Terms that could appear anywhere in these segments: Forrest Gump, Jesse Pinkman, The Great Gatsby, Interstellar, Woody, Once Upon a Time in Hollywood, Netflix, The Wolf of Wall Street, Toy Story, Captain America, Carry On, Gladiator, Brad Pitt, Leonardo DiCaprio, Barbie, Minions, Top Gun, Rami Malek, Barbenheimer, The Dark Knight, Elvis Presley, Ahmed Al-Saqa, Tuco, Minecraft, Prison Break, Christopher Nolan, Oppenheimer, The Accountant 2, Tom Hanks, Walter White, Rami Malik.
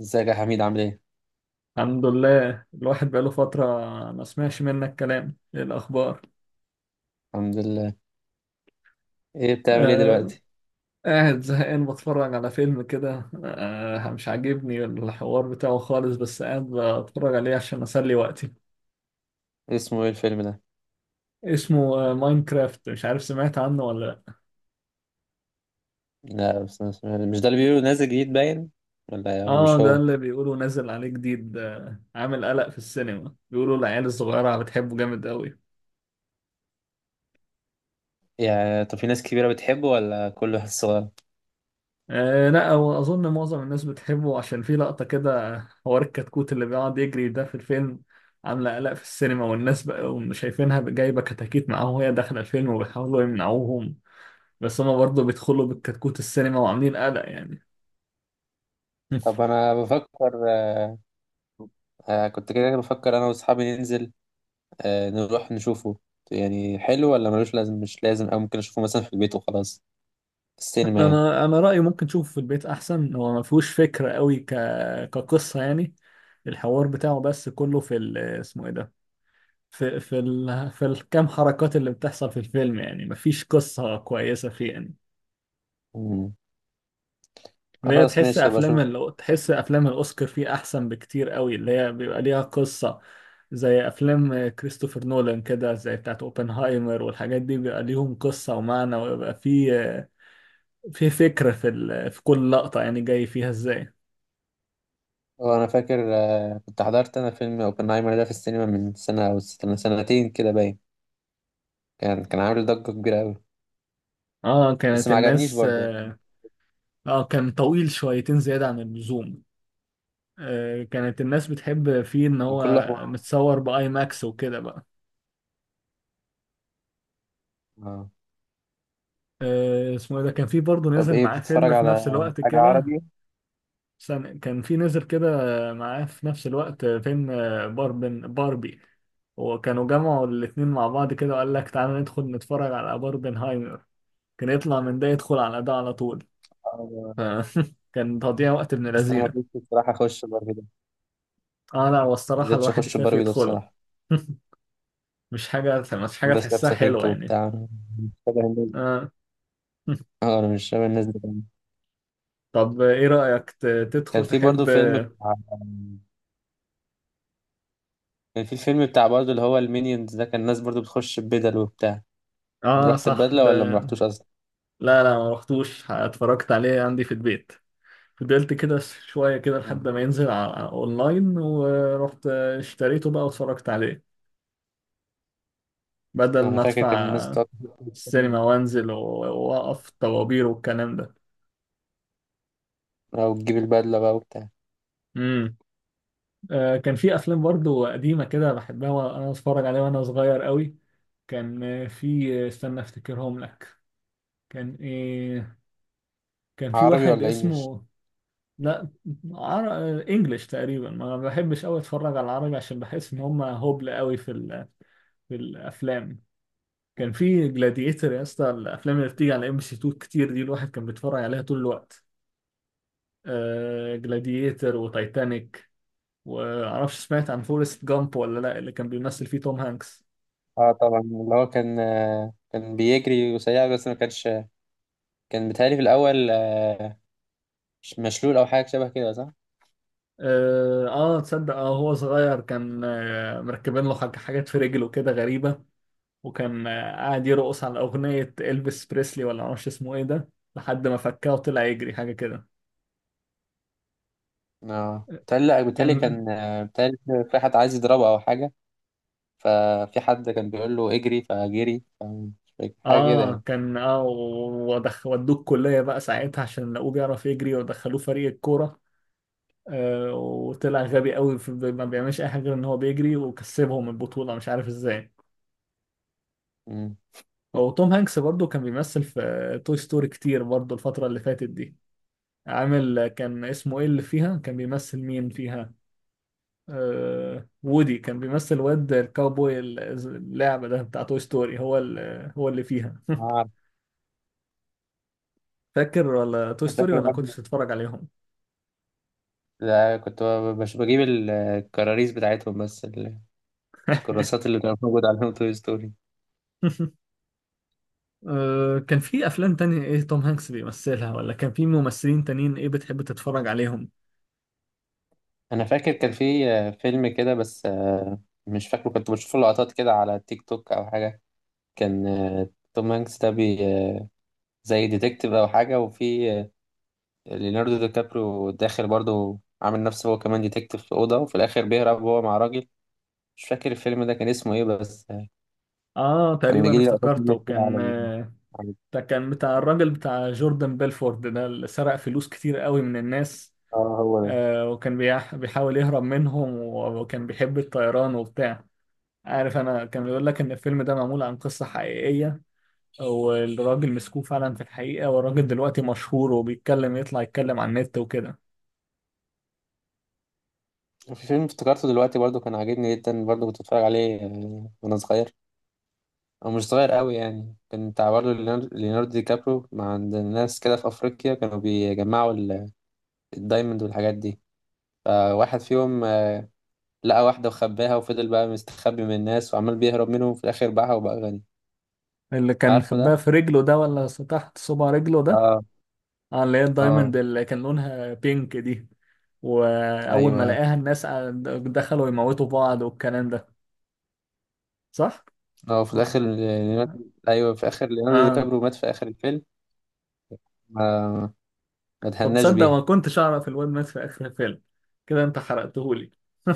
ازيك يا حميد عامل ايه؟ الحمد لله الواحد بقاله فترة ما سمعش منك كلام، ايه الأخبار؟ الحمد لله. ايه بتعمل ايه آه دلوقتي؟ قاعد زهقان بتفرج على فيلم كده، آه مش عاجبني الحوار بتاعه خالص، بس قاعد بتفرج عليه عشان أسلي وقتي. ايه اسمه ايه الفيلم ده؟ اسمه آه ماينكرافت، مش عارف سمعت عنه ولا لأ. لا، بس أنا مش ده اللي بيقولوا نازل جديد باين؟ ولا اه مش ده هو؟ اللي بيقولوا نازل عليه جديد، آه عامل قلق في السينما، بيقولوا العيال الصغيرة بتحبه جامد قوي. يعني طب في ناس كبيرة بتحبه ولا كله ناس صغيرة؟ آه لا هو أظن معظم الناس بتحبه عشان في لقطة كده، حوار الكتكوت اللي بيقعد يجري ده في الفيلم، عاملة قلق في السينما والناس بقى شايفينها جايبة كتاكيت معاهم وهي داخلة الفيلم وبيحاولوا يمنعوهم، بس هما برضه بيدخلوا بالكتكوت السينما وعاملين قلق يعني. طب انا بفكر كنت كده بفكر انا واصحابي ننزل نروح نشوفه. يعني حلو ولا ملوش لازم، مش لازم، او ممكن اشوفه مثلا في البيت وخلاص، في السينما يعني. أنا رأيي ممكن تشوفه في البيت أحسن، هو ما فيهوش فكرة قوي كقصة يعني. الحوار بتاعه بس كله في اسمه إيه ده، في الكام حركات اللي بتحصل في الفيلم، يعني مفيش قصة كويسة فيه يعني. مم. اللي هي خلاص تحس ماشي ابقى اشوف. تحس افلام الاوسكار فيه احسن بكتير قوي، اللي هي بيبقى ليها قصة، زي افلام كريستوفر نولان كده، زي بتاعت اوبنهايمر والحاجات دي بيبقى ليهم قصة ومعنى، ويبقى في فكرة في في كل لقطة يعني جاي فيها ازاي. هو انا فاكر، كنت حضرت انا فيلم اوبنهايمر ده في السينما من سنة او سنتين كده باين. كان عامل ضجة كبيرة أوي، اه بس كانت ما عجبنيش الناس برضه يعني، اه. كان طويل شويتين زيادة عن اللزوم. كانت الناس بتحب فيه ان كان كله هو حوار. متصور باي ماكس وكده بقى. آه. اسمه ايه ده، كان في برضه طب نزل إيه معاه بتتفرج فيلم في على نفس الوقت حاجة كده. عربي؟ استنى، كان في نزل كده معاه في نفس الوقت فيلم باربن باربي، وكانوا جمعوا الاتنين مع بعض كده وقال لك تعالى ندخل نتفرج على باربنهايمر، كان يطلع من ده يدخل على ده على طول. آه، ف- كان تضييع وقت ابن بس أنا ما قدرتش لذينه. بصراحة أخش باربي ده، اه لا، ما والصراحة قدرتش الواحد أخش يخاف باربي ده يدخله. بصراحة. مش حاجة بس تحسها لابسة فينك حلوة يعني. وبتاع، أنا مش شبه الناس دي. آه. أه أنا مش شبه الناس دي كمان. طب ايه رأيك كان تدخل في برضه تحب؟ فيلم بتاع كان في فيلم بتاع برضه اللي هو المينيونز ده، كان الناس برضه بتخش ببدل وبتاع. اه رحت صح ببدلة ولا ما ده. رحتوش أصلا؟ لا لا، ما رحتوش، اتفرجت عليه عندي في البيت، فضلت كده شوية كده لحد ما ينزل على على أونلاين، ورحت اشتريته بقى واتفرجت عليه، بدل أنا ما فاكر كان الناس أدفع بتقعد السينما وأقف طوابير والكلام ده. أو تجيب البدلة بقى وبتاع. امم. آه كان في أفلام برضو قديمة كده بحبها وأنا أتفرج عليها وأنا صغير قوي. كان في استنى أفتكرهم لك. كان إيه، كان في عربي واحد ولا إنجلش؟ اسمه، لا عر... آه، إنجليش تقريبا، ما بحبش قوي أتفرج على العربي عشان بحس إن هما هبل قوي في في الأفلام. كان في جلاديتر يا اسطى، الافلام اللي بتيجي على ام سي 2 كتير دي الواحد كان بيتفرج عليها طول الوقت، آه جلاديتر وتايتانيك، ومعرفش سمعت عن فورست جامب ولا لا اللي كان بيمثل فيه توم هانكس. اه طبعا، اللي هو كان كان بيجري وسريع، بس ما كانش، كان بيتهيألي في الأول مش مشلول أو حاجة شبه كده صح؟ اه تصدق اه هو صغير كان آه مركبين له حاجات في رجله كده غريبة، وكان آه قاعد يرقص على أغنية إلفيس بريسلي ولا معرفش اسمه ايه ده، لحد ما فكاه وطلع يجري حاجة كده. اه بيتهيألي لأ، بيتهيألي كان كان بيتهيألي في حد عايز يضربه أو حاجة، ففي حد كان بيقول له اجري فجري مش فاكر، حاجة كده اه يعني. كان اه ودخ ودوه الكلية بقى ساعتها عشان لقوه بيعرف يجري، ودخلوه فريق الكورة. آه وطلع غبي قوي، في ما بيعملش اي حاجة غير ان هو بيجري وكسبهم البطولة مش عارف ازاي. مم. وتوم هانكس برضو كان بيمثل في توي ستوري كتير برضو الفترة اللي فاتت دي. عامل كان اسمه ايه اللي فيها، كان بيمثل مين فيها؟ آه وودي، كان بيمثل واد الكاوبوي اللعبة ده بتاع توي ستوري، هو هو اللي فيها. ما أعرف. فاكر ولا توي أنا ستوري فاكر ولا كنت برضه، بتتفرج عليهم؟ لا كنت بجيب الكراريس بتاعتهم بس، الكراسات اللي كانت موجودة عليهم توي ستوري. كان في افلام تانية ايه توم هانكس بيمثلها، ولا كان في ممثلين تانيين ايه بتحب تتفرج عليهم؟ أنا فاكر كان في فيلم كده بس مش فاكره، كنت بشوف له لقطات كده على تيك توك أو حاجة. كان توم هانكس ده بي آه، زي ديتكتيف او حاجه، وفي ليوناردو دي كابريو داخل برضه عامل نفسه هو كمان ديتكتيف في اوضه، وفي الاخر بيهرب هو مع راجل. مش فاكر الفيلم ده كان اسمه ايه بس اه كان تقريبا بيجي لي لقطات منه افتكرته، كتير كان على على- ده كان بتاع الراجل بتاع جوردن بيلفورد ده، اللي سرق فلوس كتير قوي من الناس. اه هو ده. وكان بيحاول يهرب منهم، وكان بيحب الطيران وبتاع. عارف انا كان بيقول لك ان الفيلم ده معمول عن قصة حقيقية، والراجل مسكوه فعلا في الحقيقة، والراجل دلوقتي مشهور وبيتكلم، يطلع يتكلم على النت وكده. في فيلم افتكرته دلوقتي برضه كان عاجبني جدا برضه، كنت بتفرج عليه وانا صغير، او مش صغير قوي يعني. كان بتاع برضه ليوناردو دي كابريو، مع عند الناس كده في افريقيا كانوا بيجمعوا الدايموند والحاجات دي. فواحد فيهم لقى واحدة وخباها، وفضل بقى مستخبي من الناس وعمال بيهرب منهم، في الآخر باعها وبقى غني. اللي كان عارفه خباها ده؟ في رجله ده ولا تحت صبع رجله ده؟ اه. اه اللي هي الدايموند اه. اللي كان لونها بينك دي. واول ما ايوه. لقاها الناس دخلوا يموتوا بعض والكلام ده، صح؟ اه في ولا الآخر ليوناردو، ايوه في آخر ليوناردو دي اه. كابريو مات في آخر الفيلم. ما ما طب اتهناش تصدق ما بيها. كنتش اعرف الواد مات في اخر الفيلم؟ كده انت حرقتهولي.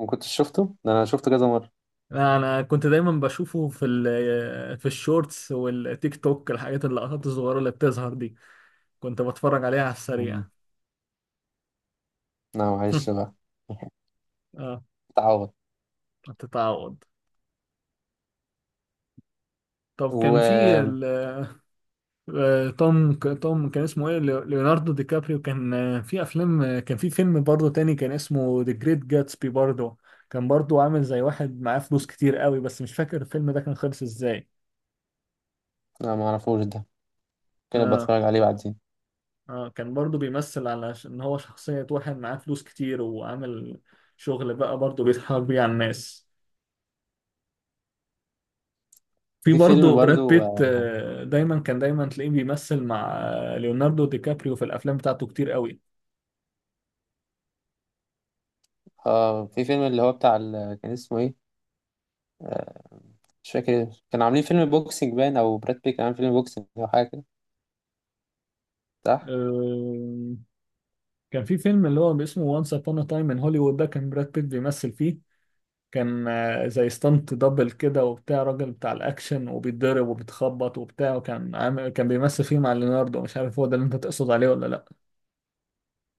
ما كنتش شفته؟ ده أنا شفته كذا مرة. لا، انا كنت دايما بشوفه في في الشورتس والتيك توك، الحاجات اللقطات الصغيره اللي بتظهر دي، كنت بتفرج عليها على مم. السريع. لا معلش بقى. اه اتعوض. بتتعوض. طب و كان في آه، توم كان اسمه ايه، ليوناردو دي كابريو، كان في افلام، كان في فيلم برضه تاني كان اسمه ذا جريت جاتسبي برضه. كان برضه عامل زي واحد معاه فلوس كتير قوي، بس مش فاكر الفيلم ده كان خلص ازاي. لا ما اعرفوش ده، كده اه بتفرج عليه بعدين. اه كان برضه بيمثل على ان هو شخصية واحد معاه فلوس كتير وعامل شغل بقى برضه بيتحرك بيه على الناس. في وفي فيلم برضه براد برضو، بيت، دايما كان تلاقيه بيمثل مع ليوناردو دي كابريو في الافلام بتاعته كتير قوي. اه في فيلم اللي هو بتاع كان اسمه ايه آه، مش فاكر، كانوا عاملين فيلم بوكسينج باين، او براد بيت كان عامل فيلم بوكسينج او حاجه كده صح. آه، كان في فيلم اللي هو اسمه وانس ابون تايم ان هوليوود ده، كان براد بيت بيمثل فيه، كان زي ستانت دبل كده وبتاع، راجل بتاع الاكشن وبيتضرب وبيتخبط وبتاع، وكان عامل كان بيمثل فيه مع ليوناردو. مش عارف هو ده اللي انت تقصد عليه ولا لا.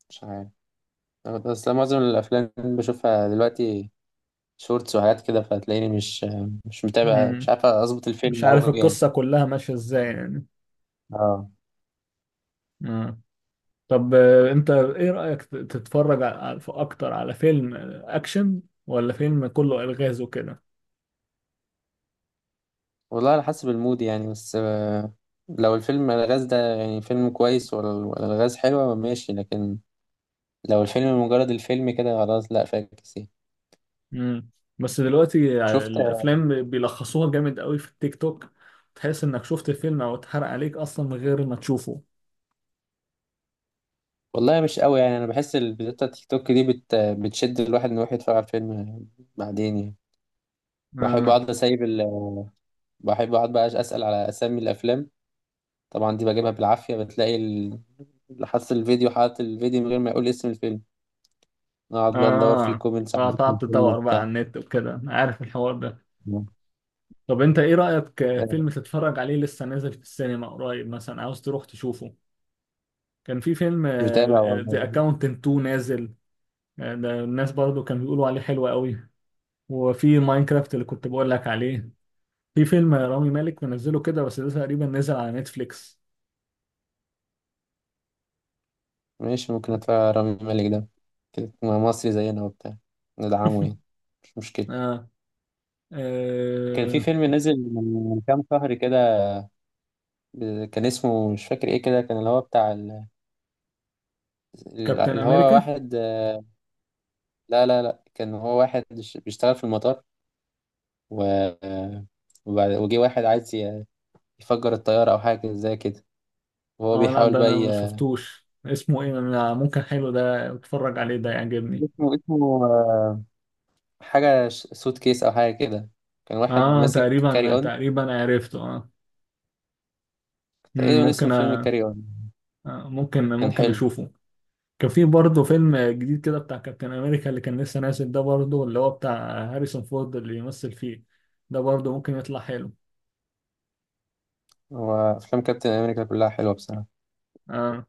مش عارف، بس أنا معظم الافلام بشوفها دلوقتي شورتس وحاجات كده، فتلاقيني مش متابع، مش مم. عارف اظبط مش الفيلم عارف أوي يعني. القصة كلها ماشية ازاي يعني. اه مم. طب انت ايه رأيك تتفرج اكتر على فيلم اكشن ولا فيلم كله الغاز وكده؟ والله على حسب المود يعني، بس لو الفيلم الغاز ده يعني فيلم كويس، ولا الغاز حلوة ماشي، لكن لو الفيلم مجرد الفيلم كده خلاص لا فاكس يعني. مم. بس دلوقتي شفت، الافلام بيلخصوها جامد قوي في التيك توك، تحس انك شفت الفيلم او اتحرق عليك اصلا من غير ما تشوفه. والله مش قوي يعني، انا بحس الفيديوهات بتاع تيك توك دي بتشد الواحد انه يروح يتفرج على الفيلم بعدين يعني. بحب اه. اقعد اسيب بحب اقعد بقى اسال على اسامي الافلام، طبعا دي بجيبها بالعافية. بتلاقي اللي حاطط الفيديو، حاطط الفيديو من غير ما يقول اسم الفيلم، نقعد بقى ندور في اه الكومنتس على اسم قعدت الفيلم تدور بقى وبتاع. على النت وكده، أنا عارف الحوار ده. طب انت ايه رأيك آه، فيلم تتفرج عليه لسه نازل في السينما قريب، مثلا عاوز تروح تشوفه؟ كان في فيلم مش متابع والله. ذا اكاونتنت 2 نازل، ده الناس برضو كانوا بيقولوا عليه حلو قوي. وفي ماينكرافت اللي كنت بقول لك عليه. في فيلم رامي مالك منزله كده بس ده تقريبا نزل على نتفليكس. ماشي، ممكن اتفرج على رامي مالك ده، كده مصري زينا وبتاع، ندعمه يعني، مش مشكلة. آه. كان في آه. فيلم نزل من كام شهر كده، كان اسمه مش فاكر ايه كده، كان اللي هو بتاع كابتن اللي هو امريكا؟ واحد. لا لا لا، كان هو واحد بيشتغل في المطار، و وجه واحد عايز يفجر الطيارة أو حاجة زي كده، وهو اه لا بيحاول ده بقى انا ما شفتوش، اسمه ايه، أنا ممكن حلو ده، اتفرج عليه ده يعجبني. اسمه حاجة سوت كيس أو حاجة كده، كان واحد اه ماسك كاري تقريبا أون. تقريبا عرفته اه. مم، تقريبا اسم الفيلم كاري أون، آه، ممكن كان ممكن حلو. اشوفه. كان في برضه فيلم جديد كده بتاع كابتن امريكا اللي كان لسه نازل ده برضه، اللي هو بتاع هاريسون فورد اللي يمثل فيه، ده برضه ممكن يطلع حلو. هو أفلام كابتن أمريكا كلها حلوة بصراحة. آه.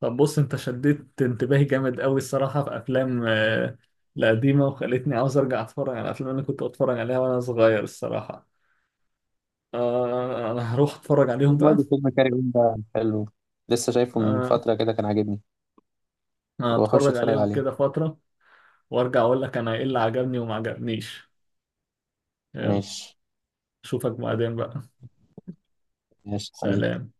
طب بص، انت شديت انتباهي جامد قوي الصراحة في افلام، القديمة، وخلتني عاوز ارجع اتفرج على افلام اللي كنت بتفرج عليها وانا صغير الصراحة. آه انا هروح اتفرج عليهم بقى. برضه فيلم كاري أون ده حلو، لسه شايفه من آه فترة كده كان عاجبني، أنا وأخش هتفرج أتفرج عليهم عليه. كده فترة، وارجع اقول لك انا ايه اللي عجبني وما عجبنيش. يلا ماشي. اشوفك بعدين بقى. ماشي حبيبي. سلام.